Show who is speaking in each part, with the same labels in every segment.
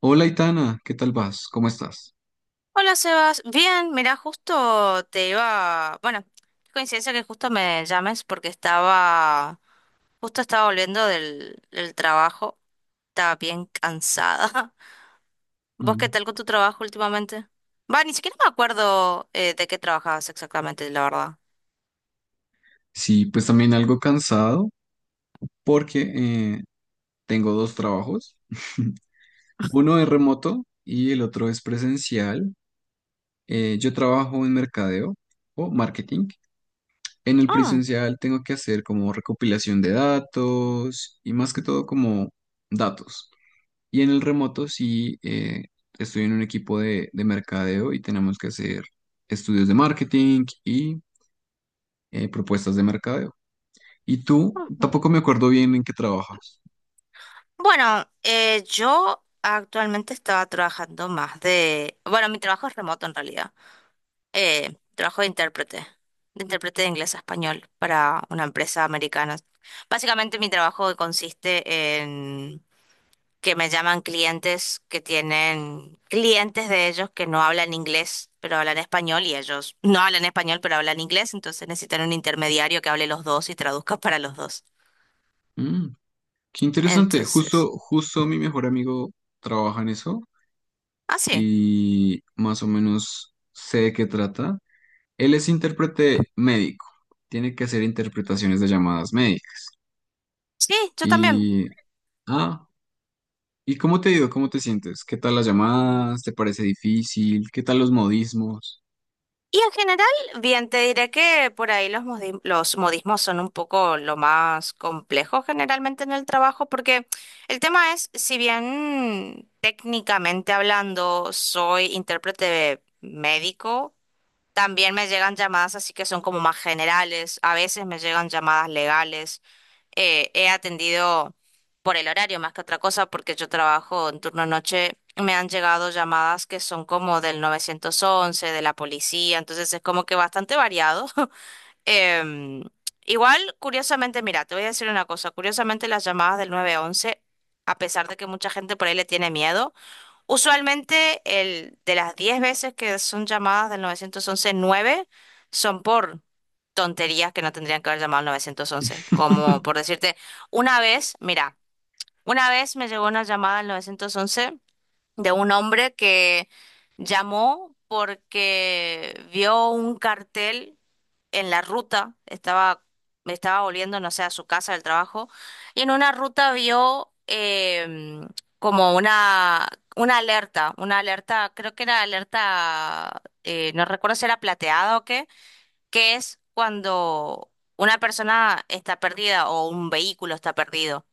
Speaker 1: Hola, Itana, ¿qué tal vas? ¿Cómo estás?
Speaker 2: Hola Sebas, bien, mira, justo te iba, bueno, qué coincidencia que justo me llames porque estaba, justo estaba volviendo del trabajo, estaba bien cansada. ¿Vos qué
Speaker 1: Mm,
Speaker 2: tal con tu trabajo últimamente? Va, ni siquiera me acuerdo de qué trabajabas exactamente, la verdad.
Speaker 1: sí, pues también algo cansado porque eh, tengo dos trabajos. Uno es remoto y el otro es presencial. Yo trabajo en mercadeo o marketing. En el
Speaker 2: Ah,
Speaker 1: presencial tengo que hacer como recopilación de datos y más que todo como datos. Y en el remoto sí, estoy en un equipo de mercadeo y tenemos que hacer estudios de marketing y propuestas de mercadeo. Y tú, tampoco me acuerdo bien en qué trabajas.
Speaker 2: bueno, yo actualmente estaba trabajando más de, bueno, mi trabajo es remoto en realidad. Trabajo de intérprete, de intérprete de inglés a español para una empresa americana. Básicamente mi trabajo consiste en que me llaman clientes que tienen clientes de ellos que no hablan inglés, pero hablan español y ellos no hablan español, pero hablan inglés, entonces necesitan un intermediario que hable los dos y traduzca para los dos.
Speaker 1: Mm, qué interesante.
Speaker 2: Entonces,
Speaker 1: Justo mi mejor amigo trabaja en eso
Speaker 2: ah, sí,
Speaker 1: y más o menos sé de qué trata. Él es intérprete médico. Tiene que hacer interpretaciones de llamadas médicas.
Speaker 2: sí, yo también.
Speaker 1: Y, ah, ¿y cómo te ha ido? ¿Cómo te sientes? ¿Qué tal las llamadas? ¿Te parece difícil? ¿Qué tal los modismos?
Speaker 2: Y en general, bien, te diré que por ahí los, los modismos son un poco lo más complejo generalmente en el trabajo, porque el tema es, si bien técnicamente hablando soy intérprete médico, también me llegan llamadas así que son como más generales, a veces me llegan llamadas legales. He atendido por el horario más que otra cosa porque yo trabajo en turno noche. Me han llegado llamadas que son como del 911, de la policía, entonces es como que bastante variado. Em, Igual, curiosamente, mira, te voy a decir una cosa, curiosamente las llamadas del 911, a pesar de que mucha gente por ahí le tiene miedo, usualmente el, de las 10 veces que son llamadas del nueve once, nueve son por tonterías que no tendrían que haber llamado al nueve once. Como por decirte, una vez, mira, una vez me llegó una llamada al nueve once de un hombre que llamó porque vio un cartel en la ruta, estaba, me estaba volviendo, no sé, a su casa del trabajo, y en una ruta vio como una alerta, creo que era alerta, no recuerdo si era plateada o qué, que es cuando una persona está perdida o un vehículo está perdido.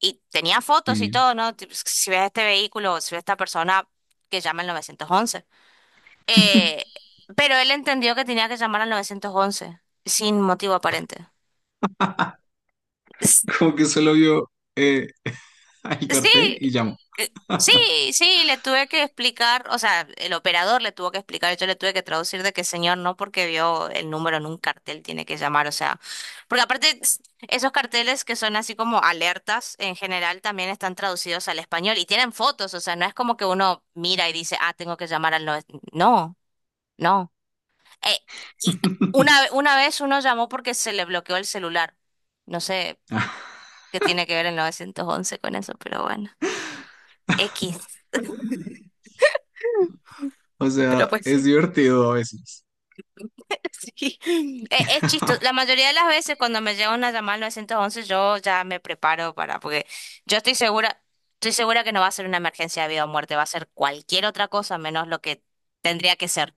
Speaker 2: Y tenía fotos y
Speaker 1: Sí.
Speaker 2: todo, ¿no? Tipo, si ves este vehículo, si ves esta persona, que llama al nueve once, eh, pero él entendió que tenía que llamar al 911 sin motivo aparente. S-
Speaker 1: Como que solo vio eh, el
Speaker 2: Sí,
Speaker 1: cartel y llamó.
Speaker 2: eh, sí, sí, le tuve que explicar, o sea, el operador le tuvo que explicar, yo le tuve que traducir de que señor no porque vio el número en un cartel tiene que llamar, o sea, porque aparte esos carteles que son así como alertas en general también están traducidos al español y tienen fotos, o sea, no es como que uno mira y dice, ah, tengo que llamar al 911, no, no. eh, y una vez uno llamó porque se le bloqueó el celular. No sé qué tiene que ver el 911 con eso, pero bueno. X.
Speaker 1: O
Speaker 2: Pero
Speaker 1: sea,
Speaker 2: pues
Speaker 1: es
Speaker 2: sí.
Speaker 1: divertido a veces.
Speaker 2: Sí. Es chistoso. La mayoría de las veces cuando me llega una llamada al 911 yo ya me preparo para, porque yo estoy segura que no va a ser una emergencia de vida o muerte, va a ser cualquier otra cosa menos lo que tendría que ser.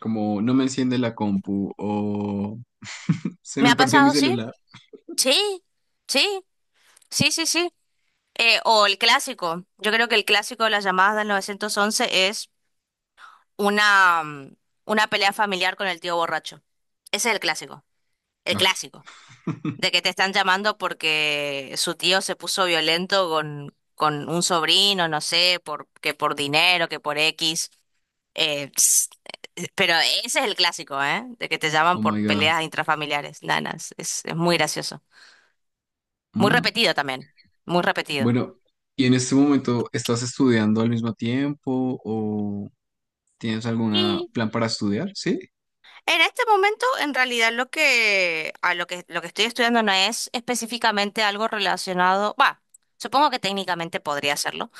Speaker 1: Como no me enciende la compu o se
Speaker 2: ¿Me
Speaker 1: me
Speaker 2: ha
Speaker 1: partió mi
Speaker 2: pasado? Sí,
Speaker 1: celular.
Speaker 2: sí, sí, sí, sí, sí. O el clásico. Yo creo que el clásico de las llamadas del 911 es una, una pelea familiar con el tío borracho. Ese es el clásico. El
Speaker 1: Ay,
Speaker 2: clásico. De que te están llamando porque su tío se puso violento con un sobrino, no sé, por, que por dinero, que por X. Eh, ps, pero ese es el clásico, ¿eh? De que te llaman
Speaker 1: oh my
Speaker 2: por
Speaker 1: God.
Speaker 2: peleas intrafamiliares. Nanas. Es muy gracioso. Muy
Speaker 1: Mm.
Speaker 2: repetido también. Muy repetido.
Speaker 1: Bueno, ¿y en este momento estás estudiando al mismo tiempo o tienes algún plan para estudiar? Sí.
Speaker 2: En este momento, en realidad, lo que, a lo que estoy estudiando no es específicamente algo relacionado, va, supongo que técnicamente podría hacerlo,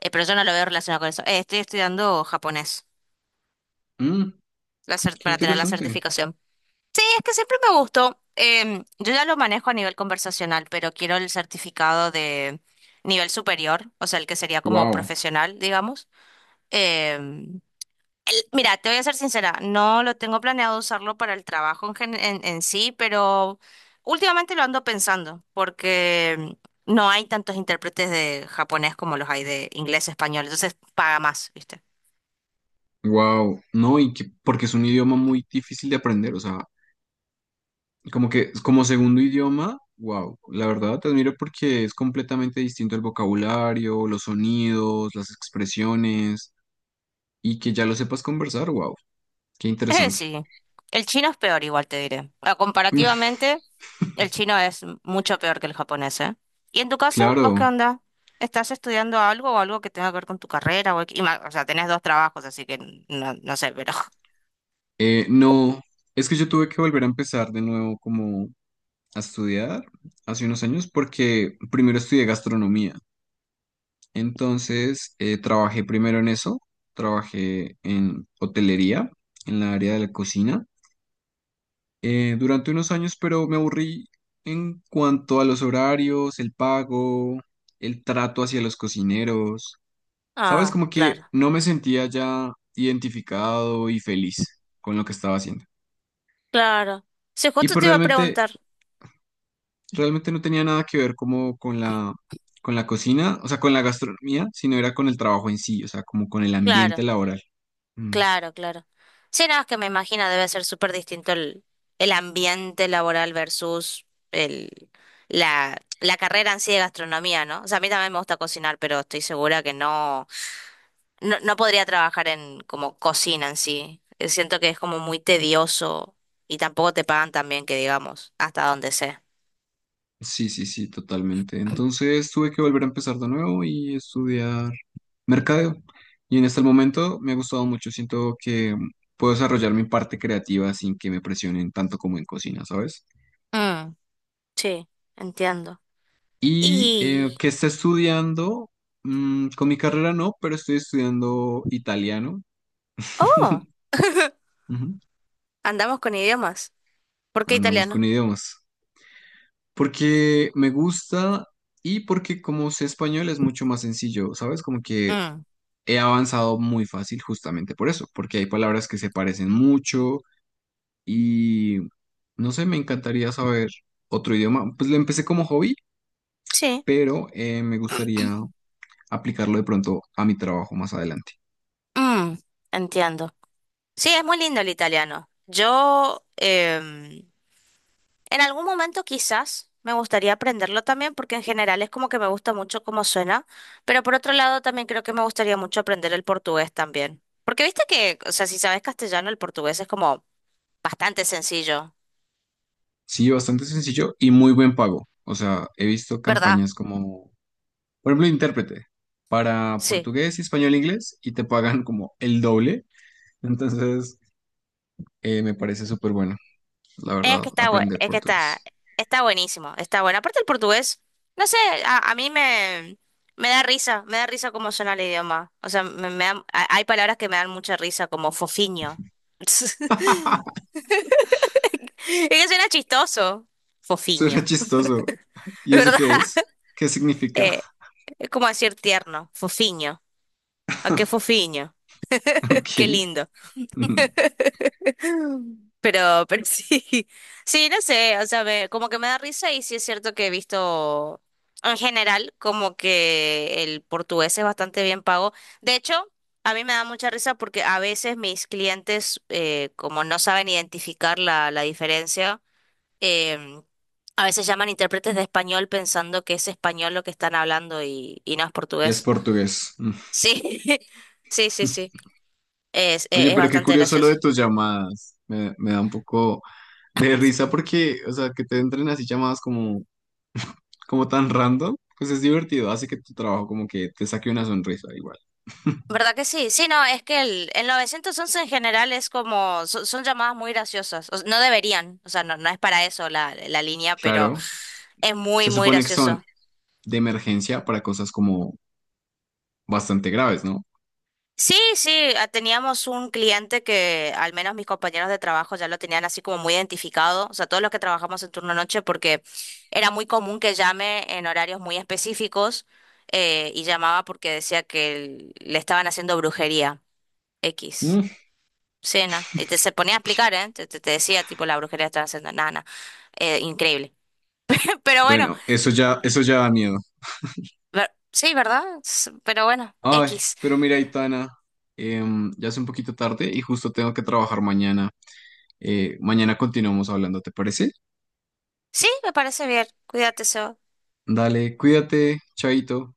Speaker 2: pero yo no lo veo relacionado con eso. Estoy estudiando japonés
Speaker 1: Mm, qué
Speaker 2: para tener la
Speaker 1: interesante.
Speaker 2: certificación. Y es que siempre me gustó, yo ya lo manejo a nivel conversacional, pero quiero el certificado de nivel superior, o sea, el que sería como
Speaker 1: Wow,
Speaker 2: profesional, digamos. Em, Mira, te voy a ser sincera, no lo tengo planeado usarlo para el trabajo en, en sí, pero últimamente lo ando pensando porque no hay tantos intérpretes de japonés como los hay de inglés, español, entonces paga más, ¿viste?
Speaker 1: wow. No, y que, porque es un idioma muy difícil de aprender. O sea, como que como segundo idioma, wow, la verdad te admiro porque es completamente distinto el vocabulario, los sonidos, las expresiones y que ya lo sepas conversar, wow, qué interesante.
Speaker 2: Sí, el chino es peor, igual te diré. Ah, comparativamente, el chino es mucho peor que el japonés, ¿eh? ¿Y en tu caso, vos qué
Speaker 1: Claro,
Speaker 2: onda? ¿Estás estudiando algo o algo que tenga que ver con tu carrera? O sea, tenés dos trabajos, así que no, no sé, pero...
Speaker 1: no, es que yo tuve que volver a empezar de nuevo como a estudiar hace unos años porque primero estudié gastronomía, entonces trabajé primero en eso, trabajé en hotelería, en la área de la cocina. Durante unos años, pero me aburrí en cuanto a los horarios, el pago, el trato hacia los cocineros. Sabes,
Speaker 2: Ah,
Speaker 1: como que
Speaker 2: claro.
Speaker 1: no me sentía ya identificado y feliz con lo que estaba haciendo.
Speaker 2: Claro. Sí,
Speaker 1: Y
Speaker 2: justo
Speaker 1: pues
Speaker 2: te iba a
Speaker 1: realmente,
Speaker 2: preguntar.
Speaker 1: realmente no tenía nada que ver como con con la cocina, o sea, con la gastronomía, sino era con el trabajo en sí, o sea, como con el ambiente
Speaker 2: Claro,
Speaker 1: laboral. Mm,
Speaker 2: claro, claro. Sí, nada, es que me imagino debe ser súper distinto el ambiente laboral versus el, la carrera en sí de gastronomía, ¿no? O sea, a mí también me gusta cocinar, pero estoy segura que no, no, no podría trabajar en como cocina en sí. Siento que es como muy tedioso y tampoco te pagan tan bien que digamos, hasta donde sé.
Speaker 1: sí, sí, sí, totalmente. Entonces tuve que volver a empezar de nuevo y estudiar mercadeo. Y en este momento me ha gustado mucho. Siento que puedo desarrollar mi parte creativa sin que me presionen tanto como en cocina, ¿sabes?
Speaker 2: Mm, sí, entiendo.
Speaker 1: Y
Speaker 2: Y...
Speaker 1: que esté estudiando, mm, con mi carrera no, pero estoy estudiando italiano.
Speaker 2: Oh,
Speaker 1: Ujú.
Speaker 2: andamos con idiomas. ¿Por qué
Speaker 1: Andamos con
Speaker 2: italiano?
Speaker 1: idiomas. Porque me gusta y porque como sé español es mucho más sencillo, ¿sabes? Como que
Speaker 2: Mm,
Speaker 1: he avanzado muy fácil justamente por eso, porque hay palabras que se parecen mucho. Y no sé, me encantaría saber otro idioma. Pues lo empecé como hobby,
Speaker 2: Sí,
Speaker 1: pero me gustaría aplicarlo de pronto a mi trabajo más adelante.
Speaker 2: mm, entiendo. Sí, es muy lindo el italiano. Yo en algún momento quizás me gustaría aprenderlo también porque en general es como que me gusta mucho cómo suena, pero por otro lado también creo que me gustaría mucho aprender el portugués también. Porque viste que, o sea, si sabes castellano, el portugués es como bastante sencillo,
Speaker 1: Sí, bastante sencillo y muy buen pago. O sea, he visto
Speaker 2: ¿verdad?
Speaker 1: campañas como, por ejemplo, intérprete para
Speaker 2: Sí.
Speaker 1: portugués, español, inglés y te pagan como el doble. Entonces, me parece súper bueno, la
Speaker 2: Es
Speaker 1: verdad,
Speaker 2: que está,
Speaker 1: aprender
Speaker 2: es que está,
Speaker 1: portugués.
Speaker 2: está buenísimo, está bueno. Aparte el portugués, no sé, a mí me, me da risa cómo suena el idioma. O sea, me, hay palabras que me dan mucha risa, como fofiño. Es que suena chistoso.
Speaker 1: Suena
Speaker 2: Fofiño,
Speaker 1: chistoso. ¿Y eso
Speaker 2: ¿verdad?
Speaker 1: qué es? ¿Qué significa?
Speaker 2: Eh, es como decir tierno, fofiño. ¿A qué fofiño? Qué
Speaker 1: Ok.
Speaker 2: lindo. Pero sí, sí, no sé, o sea, como que me da risa y sí es cierto que he visto en general como que el portugués es bastante bien pago. De hecho, a mí me da mucha risa porque a veces mis clientes, como no saben identificar la diferencia, em, a veces llaman intérpretes de español pensando que es español lo que están hablando y no es
Speaker 1: Es
Speaker 2: portugués.
Speaker 1: portugués. Mm.
Speaker 2: Sí, sí, sí, sí,
Speaker 1: Oye,
Speaker 2: es
Speaker 1: pero qué
Speaker 2: bastante
Speaker 1: curioso lo de
Speaker 2: gracioso.
Speaker 1: tus llamadas. Me da un poco de risa porque, o sea, que te entren así llamadas como, como tan random, pues es divertido. Hace que tu trabajo como que te saque una sonrisa igual.
Speaker 2: ¿Verdad que sí? Sí, no, es que el 911 en general es como, son, son llamadas muy graciosas. O no deberían, o sea, no, no es para eso la línea, pero
Speaker 1: Claro,
Speaker 2: es
Speaker 1: se
Speaker 2: muy, muy
Speaker 1: supone que son
Speaker 2: gracioso.
Speaker 1: de emergencia para cosas como bastante graves, ¿no?
Speaker 2: Sí, sí, ah, teníamos un cliente que al menos mis compañeros de trabajo ya lo tenían así como muy identificado, o sea, todos los que trabajamos en turno noche, porque era muy común que llame en horarios muy específicos, y llamaba porque decía que le estaban haciendo brujería X.
Speaker 1: Mm.
Speaker 2: Sí, no. Y te se ponía a explicar, ¿eh? Te, te decía, tipo, la brujería está haciendo nana. Increíble. Pero bueno,
Speaker 1: Bueno, eso ya da miedo.
Speaker 2: sí, ¿verdad? Pero bueno,
Speaker 1: Ay,
Speaker 2: X.
Speaker 1: pero mira, Itana, ya es un poquito tarde y justo tengo que trabajar mañana. Mañana continuamos hablando, ¿te parece?
Speaker 2: Sí, me parece bien. Cuídate, Seba.
Speaker 1: Dale, cuídate, chaito.